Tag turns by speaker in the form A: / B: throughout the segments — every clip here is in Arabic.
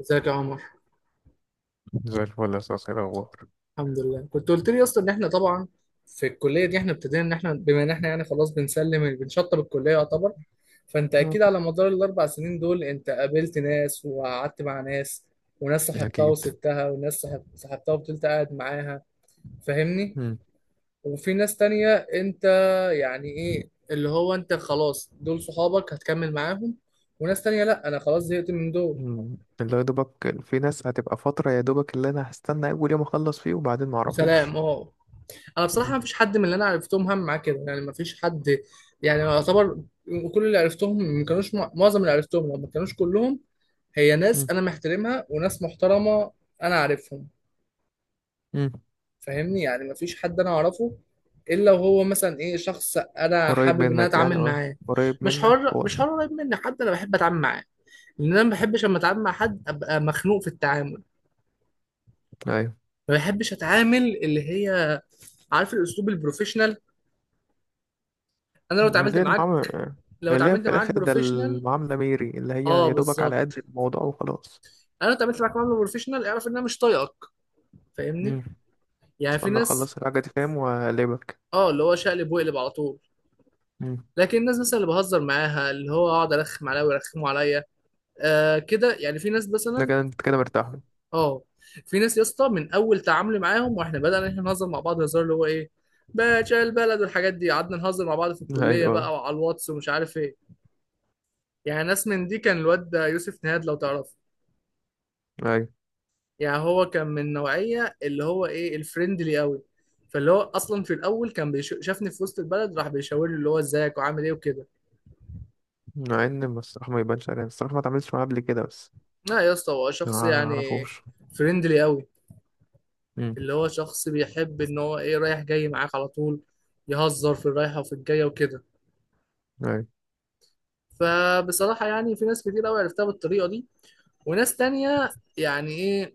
A: ازيك يا عمر؟
B: زي الفل يا صاصي. الأخبار
A: الحمد لله، كنت قلت لي اصلا ان احنا طبعا في الكليه دي احنا ابتدينا ان احنا بما ان احنا يعني خلاص بنسلم بنشطب الكليه يعتبر. فانت
B: مم.
A: اكيد على مدار الاربع سنين دول انت قابلت ناس وقعدت مع ناس، وناس صاحبتها
B: أكيد.
A: وسبتها، وناس صاحب صاحبتها وفضلت قاعد معاها. فاهمني؟
B: مم.
A: وفي ناس تانية انت، يعني ايه اللي هو انت خلاص دول صحابك هتكمل معاهم، وناس تانية لا انا خلاص زهقت من دول
B: مم. اللي هو يا دوبك في ناس هتبقى فترة، يا دوبك اللي أنا هستنى أول يوم أخلص فيه وبعدين معرفوش.
A: وسلام اهو. انا بصراحه
B: مم.
A: ما فيش حد من اللي انا عرفتهم هم معاه كده، يعني ما فيش حد، يعني يعتبر كل اللي عرفتهم ما كانوش معظم اللي عرفتهم لو ما كانوش كلهم هي ناس
B: مم.
A: انا محترمها وناس محترمه انا عارفهم.
B: مم.
A: فاهمني؟ يعني ما فيش حد انا اعرفه الا وهو مثلا ايه، شخص انا
B: قريب
A: حابب ان انا
B: منك يعني
A: اتعامل
B: أه.
A: معاه.
B: قريب
A: مش
B: منك
A: حر،
B: هو
A: مش
B: عشان.
A: حر قريب مني حد انا بحب اتعامل معاه، لان انا ما بحبش لما اتعامل مع حد ابقى مخنوق في التعامل.
B: أيوة.
A: ما بحبش اتعامل اللي هي، عارف الاسلوب البروفيشنال؟ انا لو اتعاملت
B: اللي هي
A: معاك،
B: المعاملة.
A: لو
B: اللي هي
A: اتعاملت
B: في
A: معاك
B: الآخر ده
A: بروفيشنال.
B: المعاملة ميري، اللي هي
A: اه
B: يا دوبك على قد
A: بالظبط.
B: الموضوع وخلاص.
A: انا لو اتعاملت معاك معامله بروفيشنال اعرف ان انا مش طايقك. فاهمني؟
B: مم.
A: يعني في
B: استنى
A: ناس.
B: أخلص الحاجة دي فاهم وأقلبك.
A: اه اللي هو شقلب وقلب على طول.
B: مم.
A: لكن الناس مثلا اللي بهزر معاها، اللي هو اقعد ارخم عليها ويرخموا عليا، آه كده، يعني في ناس
B: ده
A: مثلا.
B: كده أنت كده مرتاح له.
A: اه في ناس يا اسطى من اول تعاملي معاهم واحنا بدانا إن احنا نهزر مع بعض، هزار اللي هو ايه باشا البلد والحاجات دي. قعدنا نهزر مع بعض في الكليه
B: أيوة.
A: بقى وعلى الواتس ومش عارف ايه. يعني ناس من دي كان الواد ده يوسف نهاد، لو تعرفه.
B: أيوه،
A: يعني هو كان من نوعية اللي هو ايه، الفريندلي قوي. فاللي هو اصلا في الاول كان شافني في وسط البلد راح بيشاور لي اللي هو ازيك وعامل ايه وكده.
B: مع إن الصراحة ما يبانش عليها، الصراحة ما اتعاملتش معاه قبل كده بس.
A: لا يا اسطى هو
B: ما
A: شخص يعني
B: اعرفوش.
A: فريندلي قوي،
B: امم.
A: اللي هو شخص بيحب ان هو ايه رايح جاي معاك على طول، يهزر في الرايحة وفي الجاية وكده.
B: ايوه.
A: فبصراحة يعني في ناس كتير قوي عرفتها بالطريقة دي، وناس تانية يعني ايه،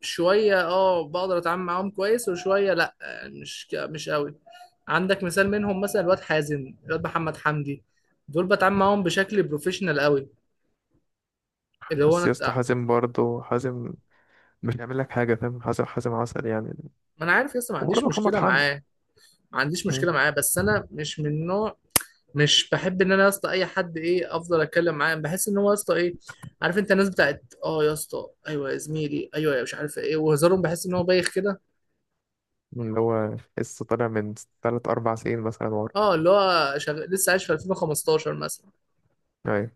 A: شوية اه بقدر اتعامل معاهم كويس وشوية لا. مش قوي. عندك مثال منهم مثلا الواد حازم، الواد محمد حمدي، دول بتعامل معاهم بشكل بروفيشنال قوي، اللي هو انا
B: بس يا اسطى حازم برضه حازم مش هيعمل لك حاجه فاهم، حازم حازم عسل يعني.
A: ما انا عارف لسه، ما عنديش
B: وبرضه محمد
A: مشكلة
B: حمدي.
A: معاه. ما عنديش
B: امم.
A: مشكلة معاه بس انا مش من نوع، مش بحب ان انا يا اسطى اي حد ايه افضل اتكلم معاه بحس ان هو يا اسطى ايه. عارف انت الناس بتاعت اه يا اسطى ايوه يا زميلي ايوه يا مش عارف ايه، وهزارهم بحس ان هو بايخ كده.
B: اللي هو لسه طالع من 3 4 سنين مثلا ورا.
A: اه اللي هو لسه عايش في 2015 مثلا.
B: ايوه.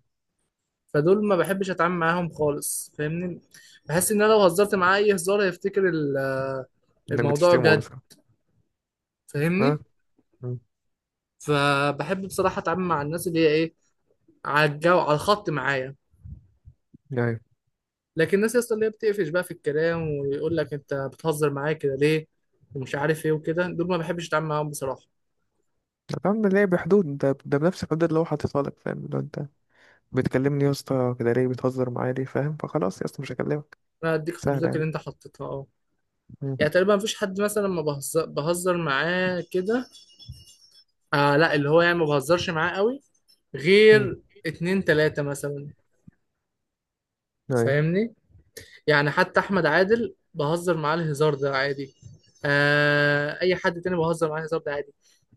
A: فدول ما بحبش اتعامل معاهم خالص. فاهمني؟ بحس ان انا لو هزرت معاه اي هزار هيفتكر
B: انك
A: الموضوع
B: بتشتمه
A: جد.
B: مثلا. ها.
A: فاهمني؟
B: مم.
A: فبحب بصراحه اتعامل مع الناس اللي هي ايه، على الجو على الخط معايا.
B: ايوه.
A: لكن الناس اصلا اللي هي بتقفش بقى في الكلام ويقول لك انت بتهزر معايا كده ليه ومش عارف ايه وكده، دول ما بحبش اتعامل معاهم بصراحه.
B: فاهم ليه، بحدود ده بنفس الحدود اللي هو حاططها لك. فاهم، لو انت بتكلمني يا اسطى كده ليه بتهزر معايا ليه فاهم، فخلاص يا اسطى مش هكلمك.
A: انا اديك
B: سهله
A: حدودك
B: يعني.
A: اللي انت حطيتها اه.
B: مم.
A: يعني تقريبا مفيش حد مثلا ما بهزر معاه كده. آه لا اللي هو يعني ما بهزرش معاه قوي
B: مم.
A: غير اتنين تلاتة مثلا.
B: ايوه.
A: فاهمني؟ يعني حتى احمد عادل بهزر معاه الهزار ده عادي، آه اي حد تاني بهزر معاه الهزار ده عادي.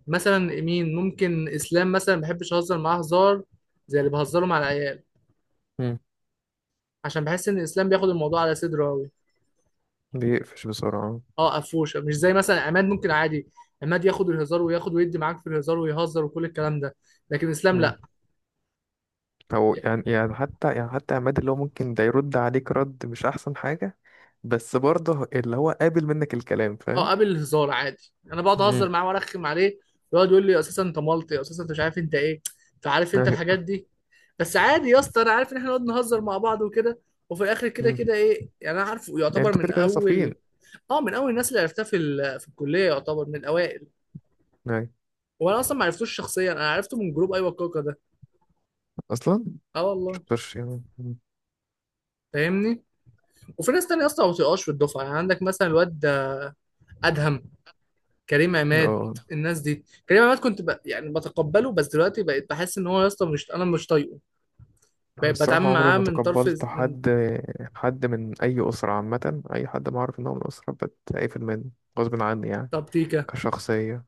A: مثلا مين ممكن اسلام مثلا، ما بحبش اهزر معاه هزار زي اللي بهزره مع العيال،
B: مم.
A: عشان بحس ان اسلام بياخد الموضوع على صدره قوي.
B: بيقفش بسرعه.
A: اه قفوشه مش زي مثلا عماد، ممكن عادي. عماد ياخد الهزار وياخد ويدي معاك في الهزار ويهزر وكل الكلام ده، لكن اسلام
B: مم.
A: لا.
B: او يعني حتى عماد، اللي هو ممكن ده يرد عليك رد مش احسن حاجة، بس برضه اللي هو قابل منك الكلام
A: اه
B: فاهم.
A: قابل الهزار عادي، انا بقعد اهزر
B: امم.
A: معاه وارخم عليه ويقعد يقول لي اساسا انت مالطي اساسا انت مش عارف انت ايه، فعارف انت
B: ايوه.
A: الحاجات دي. بس عادي يا اسطى، انا عارف ان احنا نقعد نهزر مع بعض وكده وفي الاخر كده
B: مم.
A: كده ايه يعني، انا عارفه
B: يعني
A: يعتبر
B: انتوا
A: من
B: كده كده
A: اول.
B: صافيين
A: اه من اول الناس اللي عرفتها في الكليه يعتبر من الاوائل.
B: يعني
A: وانا اصلا ما عرفتوش شخصيا، انا عرفته من جروب ايوه كوكا ده.
B: اصلا.
A: اه والله.
B: مش يعني مم.
A: فاهمني؟ وفي ناس تانية اصلا ما بتبقاش في الدفعه، يعني عندك مثلا الواد ادهم، كريم عماد.
B: اه،
A: الناس دي كريم عماد كنت يعني بتقبله بس دلوقتي بقيت بحس ان هو يا اسطى مش، انا مش طايقه.
B: انا
A: بقيت بتعامل
B: الصراحه عمري
A: معاه
B: ما
A: من طرف،
B: تقبلت
A: من
B: حد. حد من اي اسره عامه، اي حد ما اعرف ان هو من اسره بتقفل منه غصب عني يعني.
A: تبتيكه.
B: كشخصيه.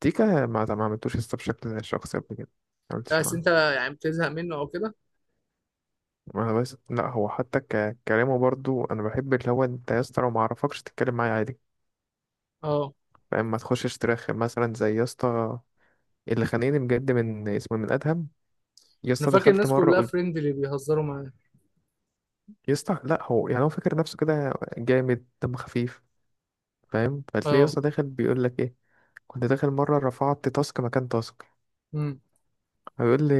B: تيكا ما عملتوش لسه بشكل شخصي قبل كده، ما عملتش
A: بس
B: معاه.
A: انت يعني بتزهق منه او كده.
B: انا بس، لا هو حتى كلامه برضو انا بحب، اللي هو انت يا اسطى لو ما اعرفكش تتكلم معايا عادي
A: اه
B: فاهم، ما تخشش ترخم مثلا زي يا اسطى اللي خانقني بجد من اسمه، من ادهم. يا
A: انا
B: اسطى
A: فاكر
B: دخلت
A: الناس
B: مره
A: كلها
B: قلت،
A: فريندلي بيهزروا معاه.
B: يا اسطى لا هو يعني هو فاكر نفسه كده جامد دم خفيف فاهم، فتلاقيه يا
A: اه
B: اسطى داخل بيقول لك ايه. كنت داخل مره رفعت تاسك مكان تاسك،
A: امم
B: هيقول لي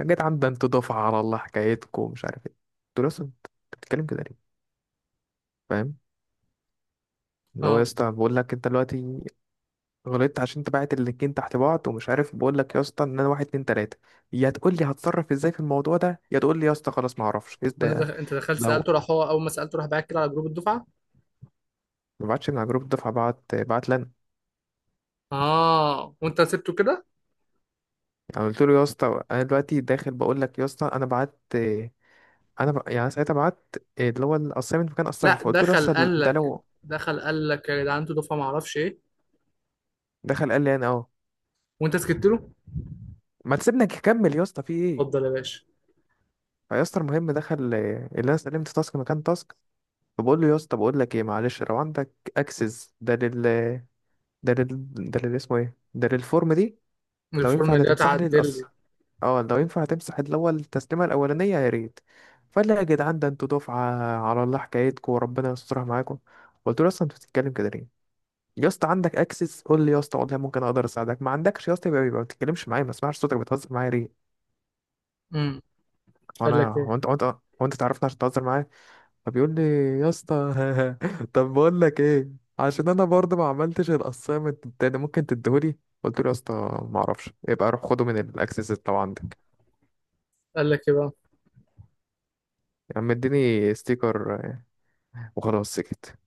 B: يا جدعان ده انتوا دفعه على الله حكايتكم مش عارف ايه. قلت له يا اسطى انت بتتكلم كده ليه فاهم. اللي هو يا
A: اه.
B: اسطى بقول لك انت دلوقتي غلطت عشان انت باعت اللينكين تحت بعض ومش عارف، بقول لك يا اسطى ان انا واحد اتنين تلاته، يا تقول لي هتصرف ازاي في الموضوع ده، يا تقول لي يا اسطى خلاص ما اعرفش ايه
A: انت
B: ده.
A: انت دخلت
B: لو
A: سالته راح، هو اول ما سالته راح بعت كده على جروب الدفعه.
B: ما بعتش من على جروب الدفعه، بعت بعت لنا
A: اه وانت سبته كده.
B: يعني. قلت له يا اسطى انا دلوقتي داخل بقول لك يا اسطى انا بعت. يعني ساعتها بعت اللي هو الاسايمنت مكان اسايمنت.
A: لا
B: فقلت له يا
A: دخل
B: اسطى
A: قال
B: ده
A: لك،
B: لو.
A: دخل قال لك يا جدعان انتوا دفعه ما اعرفش ايه،
B: دخل قال لي انا اه.
A: وانت سكت له.
B: ما تسيبنا نكمل يا اسطى في ايه.
A: اتفضل يا باشا.
B: فيا اسطى المهم دخل اللي انا سلمت تاسك مكان تاسك. فبقول له يا اسطى بقول لك ايه معلش، لو عندك اكسس ده لل... ده اللي اسمه ايه، ده للفورم دي، لو
A: الفورم
B: ينفع ده
A: اللي
B: تمسح لي
A: اتعدل
B: القص.
A: لي.
B: اه لو ينفع تمسح اللي هو التسليمه الاولانيه يا ريت. فقال لي يا جدعان ده انتوا دفعه على الله حكايتكم وربنا يسترها معاكم. قلت له اصلا انت بتتكلم كده ليه يا اسطى؟ عندك اكسس قول لي يا اسطى، والله ممكن اقدر اساعدك، ما عندكش يا اسطى يبقى ما بتتكلمش معايا، ما اسمعش صوتك، بتهزر معايا ليه.
A: امم. قال
B: وانا
A: لك ايه؟
B: هو انت تعرفني عشان تهزر معايا. فبيقول لي يا اسطى، طب بقول لك ايه، عشان انا برضه ما عملتش الاسايمنت التاني ممكن تديهولي. قلت له يا اسطى ما اعرفش، يبقى روح خده من الاكسس اللي عندك.
A: قال لك ايه بقى؟
B: يا عم اديني ستيكر. وخلاص سكت.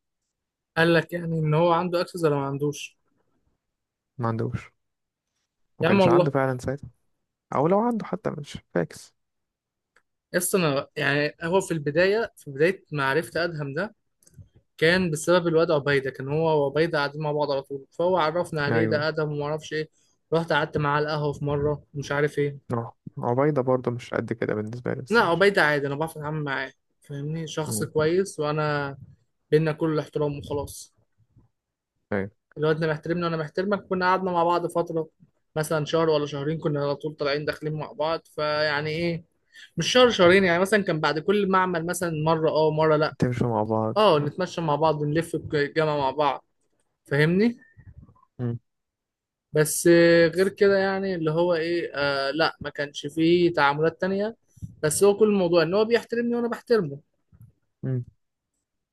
A: قال لك يعني ان هو عنده اكسس ولا ما عندوش؟
B: ما عندوش. ما
A: يا عم
B: كانش عنده
A: والله.
B: فعلا ساعتها، او لو عنده حتى مش فاكس.
A: يس انا يعني هو في البدايه، في بدايه ما عرفت ادهم ده كان بسبب الواد عبيده. كان هو وعبيده قاعدين مع بعض على طول، فهو عرفنا عليه
B: ايوه.
A: ده ادهم وما اعرفش ايه. رحت قعدت معاه على القهوه في مره مش عارف ايه.
B: اه عبيدة برضه مش قد كده بالنسبة لي،
A: لا
B: بس ماشي.
A: عبيده عادي انا بعرف اتعامل معاه. فاهمني؟ شخص
B: مم.
A: كويس وانا بينا كل احترام وخلاص،
B: ايوه.
A: اللي هو انت محترمني وانا محترمك. كنا قعدنا مع بعض فتره مثلا شهر ولا شهرين، كنا على طول طالعين داخلين مع بعض. فيعني ايه، مش شهر شهرين يعني مثلا، كان بعد كل معمل مثلا مره اه ومره لا.
B: تمشوا مع بعض
A: اه
B: آه.
A: نتمشى مع بعض، نلف الجامعه مع بعض. فاهمني؟
B: مم.
A: بس آه، غير كده يعني اللي هو ايه آه لا، ما كانش فيه تعاملات تانية. بس هو كل الموضوع ان هو بيحترمني وانا بحترمه.
B: مم.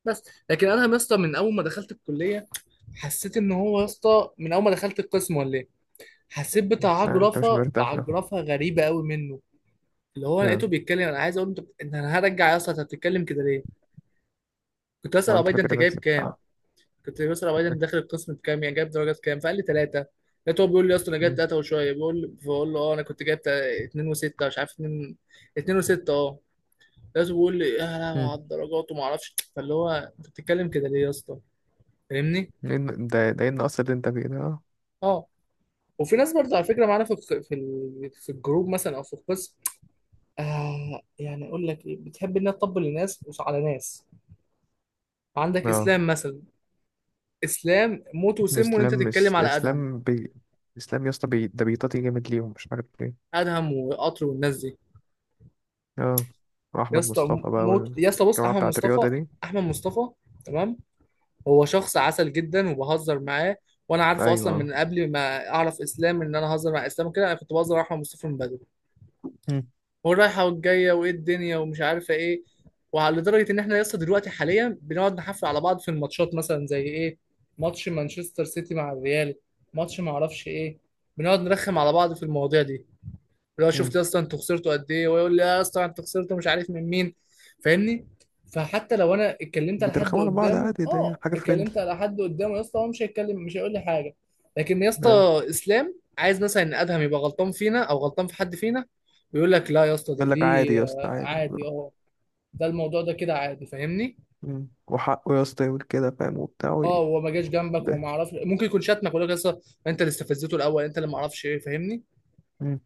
A: بس. لكن انا يا اسطى من اول ما دخلت الكليه، حسيت ان هو يا اسطى من اول ما دخلت القسم ولا، حسيت
B: آه، انت مش
A: بعجرفه،
B: مرتاح له.
A: بعجرفه غريبه قوي منه. اللي هو
B: آه.
A: لقيته بيتكلم، انا عايز اقول له انت انت، انا هرجع اصلا انت بتتكلم كده ليه. كنت بسال
B: هو انت
A: ابو ده انت
B: فاكر
A: جايب
B: نفسك
A: كام،
B: آه.
A: كنت بسال ابو ده انت داخل القسم بكام يعني جايب درجات كام، فقال لي ثلاثه. لقيته هو بيقول لي اصلا انا جايب
B: مم.
A: ثلاثه وشويه بيقول، فبقول له اه انا كنت جايب اتنين وسته، مش عارف اتنين، اتنين وسته اه. لقيته بيقول لي يا لهوي
B: مم.
A: على الدرجات وما اعرفش. فاللي هو انت بتتكلم كده ليه يا اسطى؟ فاهمني؟
B: لأن ده إيه النقص اللي أنت فيه ده أه.
A: اه وفي ناس برضه على فكره معانا في الجروب مثلا او في القسم، آه يعني اقول لك ايه، بتحب انها تطبل لناس مش على ناس. عندك
B: آه.
A: اسلام مثلا، اسلام موت وسمه ان
B: الإسلام
A: انت
B: مش
A: تتكلم على ادهم،
B: الإسلام الإسلام يا اسطى ده بيطاطي جامد ليهم مش عارف ليه.
A: ادهم وقطر والناس دي.
B: أه.
A: يا
B: وأحمد
A: اسطى
B: مصطفى بقى
A: موت. يا اسطى بص
B: والجماعة
A: احمد
B: بتاعة
A: مصطفى،
B: الرياضة دي.
A: احمد مصطفى تمام، هو شخص عسل جدا وبهزر معاه. وانا عارفه اصلا
B: أيوه.
A: من قبل ما اعرف اسلام، ان انا هزر مع اسلام كده، انا كنت بهزر مع احمد مصطفى من بدري،
B: هم.
A: والرايحه والجايه وايه الدنيا ومش عارفه ايه. وعلى لدرجه ان احنا لسه دلوقتي حاليا بنقعد نحفل على بعض في الماتشات، مثلا زي ايه، ماتش مانشستر سيتي مع الريال، ماتش ما اعرفش ايه. بنقعد نرخم على بعض في المواضيع دي، لو شفت يا
B: هم.
A: اسطى انتوا خسرتوا قد ايه، ويقول لي يا اسطى انتوا خسرتوا مش عارف من مين. فاهمني؟ فحتى لو انا اتكلمت على حد
B: بترخموا على بعض
A: قدامه،
B: عادي، ده
A: اه
B: حاجة فريندلي
A: اتكلمت على حد قدامه، يا اسطى هو مش هيتكلم مش هيقول لي حاجه. لكن يا
B: يعني.
A: اسطى اسلام عايز مثلا ان ادهم يبقى غلطان فينا او غلطان في حد فينا، ويقول لك لا يا اسطى ده،
B: يقول لك عادي
A: دي
B: يا اسطى
A: آه،
B: عادي.
A: عادي اه، ده الموضوع ده كده عادي. فاهمني؟
B: هم. وحقه يا اسطى يقول كده فاهم، وبتاع
A: اه هو ما جاش جنبك
B: ده.
A: وما اعرفش ممكن يكون شتمك ويقول لك يا اسطى انت اللي استفزته الاول، انت اللي ما اعرفش ايه. فاهمني؟
B: هم.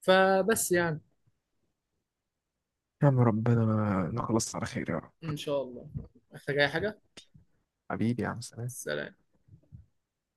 A: فبس يعني.
B: يا عم ربنا نخلص على خير يا رب.
A: ان شاء الله. محتاج اي حاجه؟
B: حبيبي يا عم سلام.
A: سلام.